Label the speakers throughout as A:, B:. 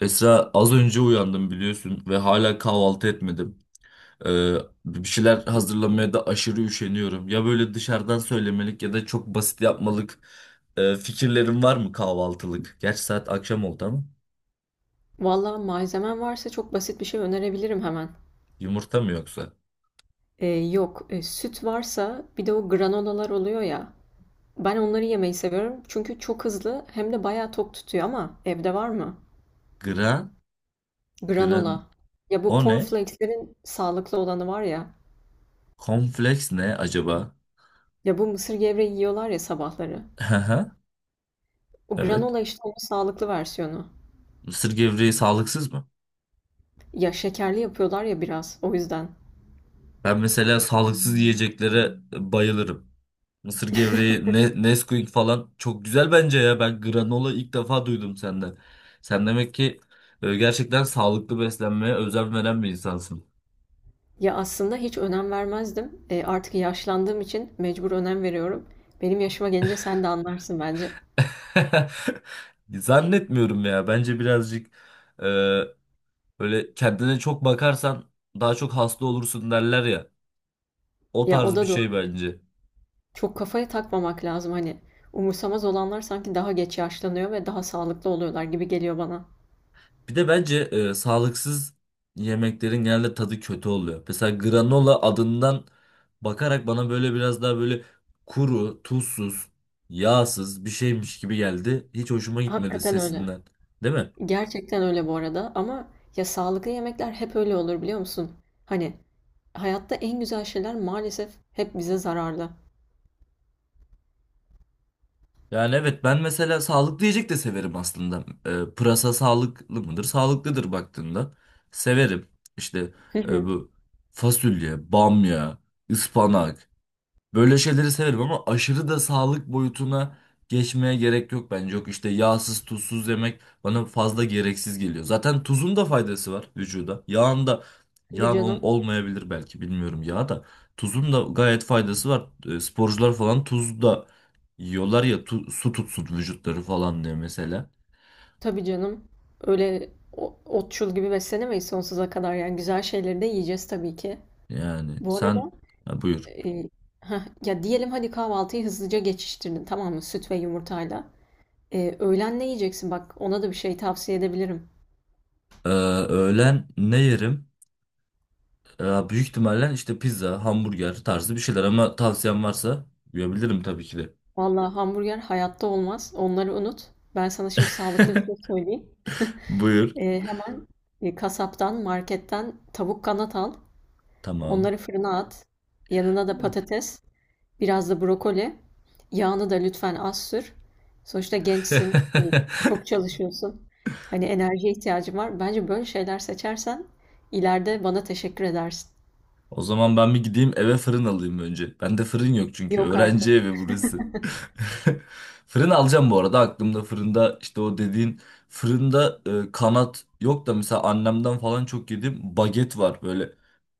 A: Esra az önce uyandım biliyorsun ve hala kahvaltı etmedim. Ee, Bir şeyler hazırlamaya da aşırı üşeniyorum. Ya böyle dışarıdan söylemelik ya da çok basit yapmalık, fikirlerin var mı kahvaltılık? Gerçi saat akşam oldu ama
B: Valla malzemen varsa çok basit bir şey önerebilirim hemen.
A: yumurta mı yoksa?
B: Yok, süt varsa bir de o granolalar oluyor ya. Ben onları yemeyi seviyorum çünkü çok hızlı hem de bayağı tok tutuyor ama evde var mı?
A: Gran, gran
B: Granola. Ya bu
A: O ne?
B: cornflakes'lerin sağlıklı olanı var ya.
A: Kompleks ne acaba?
B: Ya bu mısır gevreği yiyorlar ya sabahları.
A: Haha.
B: O
A: Evet.
B: granola işte onun sağlıklı versiyonu.
A: Mısır gevreği sağlıksız mı?
B: Ya şekerli yapıyorlar ya biraz o yüzden.
A: Ben mesela sağlıksız yiyeceklere bayılırım. Mısır gevreği, ne, Nesquik falan çok güzel bence ya. Ben granola ilk defa duydum senden. Sen demek ki gerçekten sağlıklı beslenmeye özen veren bir insansın.
B: Ya aslında hiç önem vermezdim. Artık yaşlandığım için mecbur önem veriyorum. Benim yaşıma gelince sen de anlarsın bence.
A: Zannetmiyorum ya. Bence birazcık e, böyle kendine çok bakarsan daha çok hasta olursun derler ya. O
B: Ya o
A: tarz bir
B: da doğru.
A: şey bence.
B: Çok kafaya takmamak lazım hani. Umursamaz olanlar sanki daha geç yaşlanıyor ve daha sağlıklı oluyorlar gibi geliyor bana.
A: Bir de bence sağlıksız yemeklerin genelde tadı kötü oluyor. Mesela granola adından bakarak bana böyle biraz daha böyle kuru, tuzsuz, yağsız bir şeymiş gibi geldi. Hiç hoşuma gitmedi
B: Hakikaten öyle.
A: sesinden. Değil mi?
B: Gerçekten öyle bu arada ama ya sağlıklı yemekler hep öyle olur biliyor musun? Hani hayatta en güzel şeyler maalesef hep bize zararlı.
A: Yani evet, ben mesela sağlıklı yiyecek de severim aslında. Pırasa sağlıklı mıdır? Sağlıklıdır baktığında. Severim. İşte
B: Hı hı.
A: bu fasulye, bamya, ıspanak. Böyle şeyleri severim ama aşırı da sağlık boyutuna geçmeye gerek yok bence. Yok işte, yağsız tuzsuz yemek bana fazla gereksiz geliyor. Zaten tuzun da faydası var vücuda. Yağın da
B: Tabii canım.
A: olmayabilir belki, bilmiyorum, yağ da. Tuzun da gayet faydası var. Sporcular falan tuz da yiyorlar ya, su tutsun vücutları falan diye mesela.
B: Tabii canım. Öyle otçul gibi beslenemeyiz sonsuza kadar yani güzel şeyleri de yiyeceğiz tabii ki.
A: Yani
B: Bu arada
A: sen, ha, buyur.
B: e, heh, ya diyelim hadi kahvaltıyı hızlıca geçiştirdin tamam mı süt ve yumurtayla. Öğlen ne yiyeceksin? Bak ona da bir şey tavsiye edebilirim.
A: Öğlen ne yerim? Büyük ihtimalle işte pizza, hamburger tarzı bir şeyler, ama tavsiyen varsa yiyebilirim tabii ki de.
B: Vallahi hamburger hayatta olmaz. Onları unut. Ben sana şimdi sağlıklı bir şey söyleyeyim.
A: Buyur.
B: Hemen kasaptan, marketten tavuk kanat al.
A: Tamam.
B: Onları fırına at. Yanına da patates, biraz da brokoli. Yağını da lütfen az sür. Sonuçta gençsin, çok çalışıyorsun. Hani enerjiye ihtiyacın var. Bence böyle şeyler seçersen ileride bana teşekkür edersin.
A: O zaman ben bir gideyim eve, fırın alayım önce. Bende fırın yok çünkü.
B: Yok
A: Öğrenci
B: artık.
A: evi burası. Fırın alacağım bu arada. Aklımda fırında işte o dediğin fırında, kanat yok da mesela annemden falan çok yedim. Baget var böyle.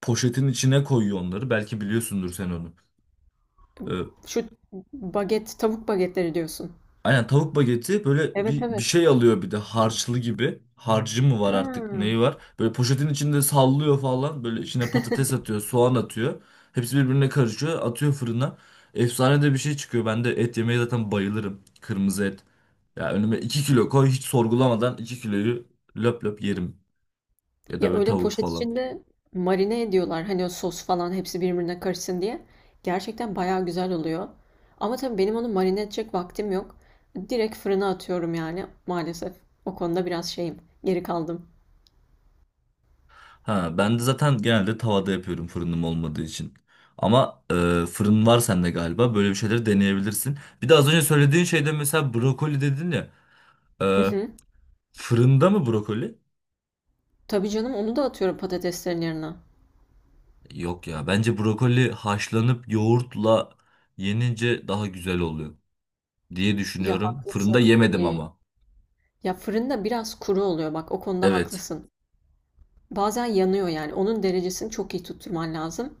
A: Poşetin içine koyuyor onları. Belki biliyorsundur sen onu. E,
B: Şu baget, tavuk bagetleri diyorsun.
A: Aynen, tavuk bageti böyle
B: Evet,
A: bir
B: evet.
A: şey alıyor, bir de harçlı gibi. Harcı mı var artık, neyi
B: Ha.
A: var? Böyle poşetin içinde sallıyor falan. Böyle içine patates atıyor, soğan atıyor. Hepsi birbirine karışıyor, atıyor fırına. Efsane de bir şey çıkıyor. Ben de et yemeye zaten bayılırım. Kırmızı et. Ya önüme 2 kilo koy, hiç sorgulamadan 2 kiloyu löp löp yerim. Ya da
B: Ya
A: böyle
B: öyle
A: tavuk
B: poşet
A: falan.
B: içinde marine ediyorlar. Hani o sos falan hepsi birbirine karışsın diye. Gerçekten bayağı güzel oluyor. Ama tabii benim onu marine edecek vaktim yok. Direkt fırına atıyorum yani maalesef. O konuda biraz şeyim. Geri kaldım.
A: Ha, ben de zaten genelde tavada yapıyorum, fırınım olmadığı için. Ama fırın var sende galiba. Böyle bir şeyleri deneyebilirsin. Bir de az önce söylediğin şeyde mesela brokoli dedin ya.
B: Hı
A: E,
B: hı.
A: Fırında mı brokoli?
B: Tabii canım onu da atıyorum patateslerin yerine.
A: Yok ya. Bence brokoli haşlanıp yoğurtla yenince daha güzel oluyor diye
B: Ya
A: düşünüyorum. Fırında
B: haklısın.
A: yemedim
B: Ee,
A: ama.
B: Ya fırında biraz kuru oluyor bak o konuda
A: Evet.
B: haklısın. Bazen yanıyor yani. Onun derecesini çok iyi tutturman lazım.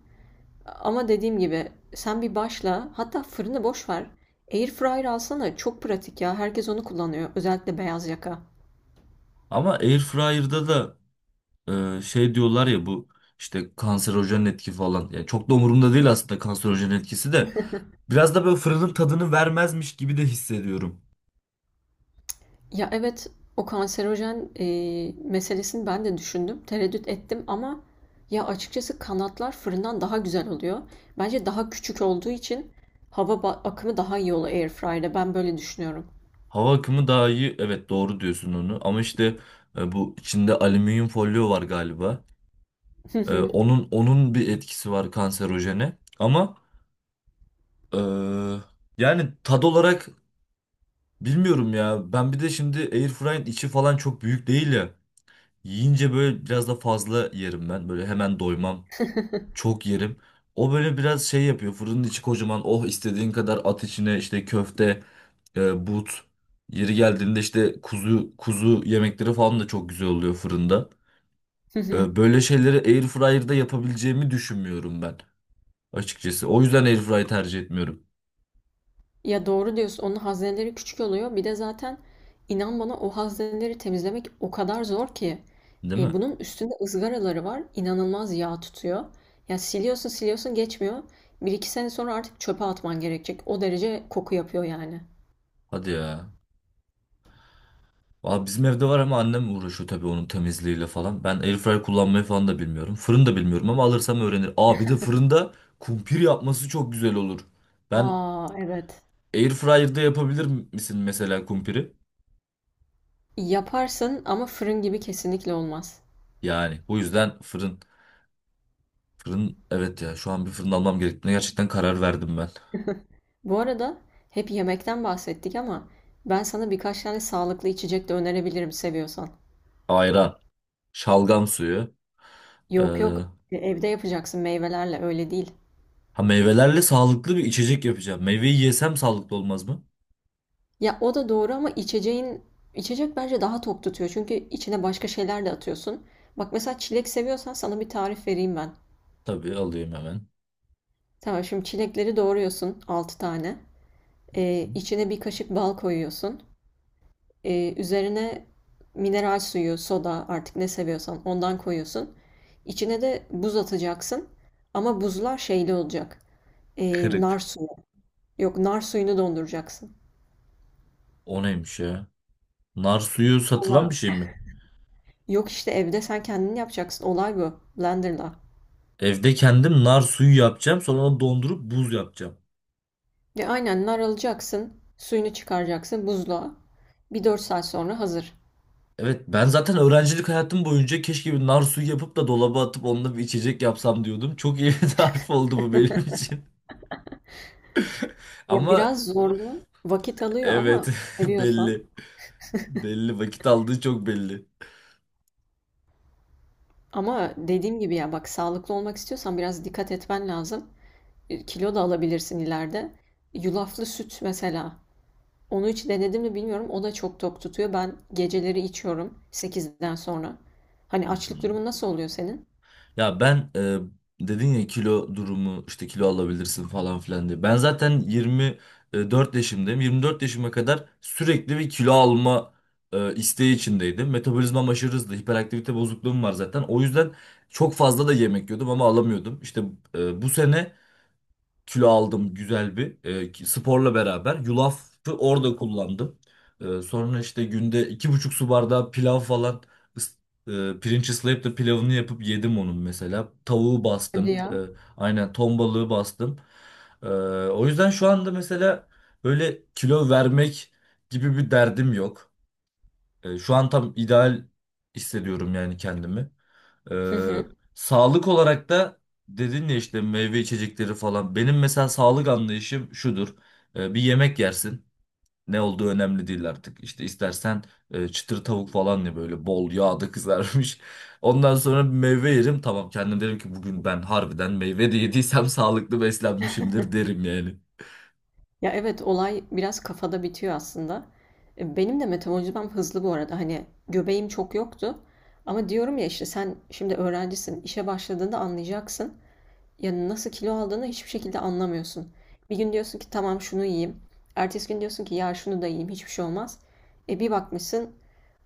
B: Ama dediğim gibi sen bir başla. Hatta fırını boş ver. Airfryer alsana. Çok pratik ya. Herkes onu kullanıyor. Özellikle beyaz yaka.
A: Ama airfryer'da da, şey diyorlar ya, bu işte kanserojen etki falan. Yani çok da umurumda değil aslında, kanserojen etkisi de. Biraz da böyle fırının tadını vermezmiş gibi de hissediyorum.
B: Ya evet, o kanserojen meselesini ben de düşündüm. Tereddüt ettim ama ya açıkçası kanatlar fırından daha güzel oluyor. Bence daha küçük olduğu için hava akımı daha iyi oluyor airfryer'da. Ben böyle düşünüyorum.
A: Hava akımı daha iyi. Evet, doğru diyorsun onu. Ama işte bu içinde alüminyum folyo var galiba. Onun bir etkisi var kanserojene. Ama e, yani tad olarak bilmiyorum ya. Ben bir de şimdi airfryer içi falan çok büyük değil ya. Yiyince böyle biraz da fazla yerim ben. Böyle hemen doymam. Çok yerim. O böyle biraz şey yapıyor. Fırının içi kocaman. Oh, istediğin kadar at içine, işte köfte, but. Yeri geldiğinde işte kuzu kuzu yemekleri falan da çok güzel oluyor fırında. Böyle şeyleri airfryer'da yapabileceğimi düşünmüyorum ben açıkçası. O yüzden airfryer tercih etmiyorum.
B: Ya doğru diyorsun. Onun hazineleri küçük oluyor. Bir de zaten inan bana o hazineleri temizlemek o kadar zor ki.
A: Değil mi?
B: Bunun üstünde ızgaraları var. İnanılmaz yağ tutuyor. Ya siliyorsun siliyorsun geçmiyor. Bir iki sene sonra artık çöpe atman gerekecek. O derece koku yapıyor yani.
A: Hadi ya. Aa, bizim evde var ama annem uğraşıyor tabii onun temizliğiyle falan. Ben airfryer kullanmayı falan da bilmiyorum. Fırın da bilmiyorum ama alırsam öğrenir. Aa, bir de fırında kumpir yapması çok güzel olur. Ben
B: Aa, evet.
A: Airfryer'da yapabilir misin mesela kumpiri?
B: Yaparsın ama fırın gibi kesinlikle olmaz.
A: Yani bu yüzden fırın. Fırın, evet ya, şu an bir fırın almam gerektiğine gerçekten karar verdim ben.
B: Bu arada hep yemekten bahsettik ama ben sana birkaç tane sağlıklı içecek de önerebilirim seviyorsan.
A: Ayran, şalgam suyu. ee,
B: Yok, yok, evde yapacaksın meyvelerle, öyle değil.
A: ha, meyvelerle sağlıklı bir içecek yapacağım. Meyveyi yesem sağlıklı olmaz mı?
B: Ya o da doğru ama içeceğin içecek bence daha tok tutuyor. Çünkü içine başka şeyler de atıyorsun. Bak mesela çilek seviyorsan sana bir tarif vereyim ben.
A: Tabii, alayım hemen.
B: Tamam, şimdi çilekleri doğruyorsun 6 tane. İçine bir kaşık bal koyuyorsun. Üzerine mineral suyu, soda, artık ne seviyorsan ondan koyuyorsun. İçine de buz atacaksın. Ama buzlar şeyli olacak. Nar
A: Kırık.
B: suyu. Yok, nar suyunu donduracaksın.
A: O neymiş ya? Nar suyu satılan bir
B: Valla.
A: şey mi?
B: Yok işte evde sen kendin yapacaksın. Olay bu. Blender'la.
A: Evde kendim nar suyu yapacağım. Sonra onu dondurup buz yapacağım.
B: Ve aynen, nar alacaksın, suyunu çıkaracaksın buzluğa. Bir 4 saat sonra hazır.
A: Evet, ben zaten öğrencilik hayatım boyunca keşke bir nar suyu yapıp da dolaba atıp onunla bir içecek yapsam diyordum. Çok iyi bir tarif oldu bu benim için.
B: Ya
A: Ama
B: biraz zorlu, vakit alıyor
A: evet,
B: ama seviyorsan.
A: belli. Belli, vakit aldığı çok belli.
B: Ama dediğim gibi ya bak, sağlıklı olmak istiyorsan biraz dikkat etmen lazım. Kilo da alabilirsin ileride. Yulaflı süt mesela. Onu hiç denedim mi bilmiyorum. O da çok tok tutuyor. Ben geceleri içiyorum 8'den sonra. Hani
A: Hı
B: açlık
A: hı.
B: durumu nasıl oluyor senin?
A: Ya ben, dedin ya, kilo durumu işte, kilo alabilirsin falan filan diye. Ben zaten 24 yaşındayım. 24 yaşıma kadar sürekli bir kilo alma isteği içindeydim. Metabolizmam aşırı hızlı. Hiperaktivite bozukluğum var zaten. O yüzden çok fazla da yemek yiyordum ama alamıyordum. İşte bu sene kilo aldım, güzel bir, sporla beraber. Yulafı orada kullandım. Sonra işte günde 2,5 su bardağı pilav falan, pirinç ıslayıp da pilavını yapıp yedim onun mesela. Tavuğu
B: Hadi
A: bastım.
B: ya.
A: Aynen, ton balığı bastım. E, O yüzden şu anda mesela böyle kilo vermek gibi bir derdim yok. Şu an tam ideal hissediyorum yani kendimi.
B: Hı
A: Ee,
B: hı.
A: Sağlık olarak da dedin ya işte, meyve içecekleri falan. Benim mesela sağlık anlayışım şudur. Bir yemek yersin. Ne olduğu önemli değil artık. İşte istersen çıtır tavuk falan ya, böyle bol yağda kızarmış. Ondan sonra bir meyve yerim. Tamam, kendim derim ki bugün ben harbiden meyve de yediysem sağlıklı beslenmişimdir derim yani.
B: Ya evet, olay biraz kafada bitiyor aslında. Benim de metabolizmam hızlı bu arada. Hani göbeğim çok yoktu. Ama diyorum ya, işte sen şimdi öğrencisin. İşe başladığında anlayacaksın. Yani nasıl kilo aldığını hiçbir şekilde anlamıyorsun. Bir gün diyorsun ki tamam şunu yiyeyim. Ertesi gün diyorsun ki ya şunu da yiyeyim, hiçbir şey olmaz. Bir bakmışsın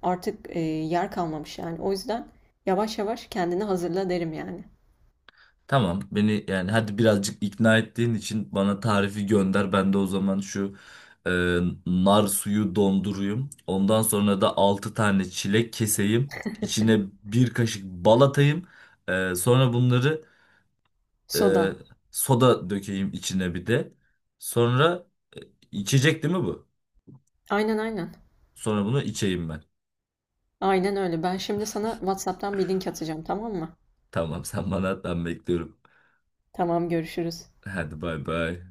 B: artık yer kalmamış yani. O yüzden yavaş yavaş kendini hazırla derim yani.
A: Tamam, beni yani hadi birazcık ikna ettiğin için bana tarifi gönder. Ben de o zaman şu e, nar suyu donduruyum. Ondan sonra da 6 tane çilek keseyim. İçine bir kaşık bal atayım. Sonra bunları e,
B: Soda.
A: soda dökeyim içine bir de. Sonra, içecek değil mi bu?
B: Aynen aynen.
A: Sonra bunu içeyim ben.
B: Aynen öyle. Ben şimdi sana WhatsApp'tan bir link atacağım tamam mı?
A: Tamam, sen bana at, ben bekliyorum.
B: Tamam, görüşürüz.
A: Hadi, bay bay.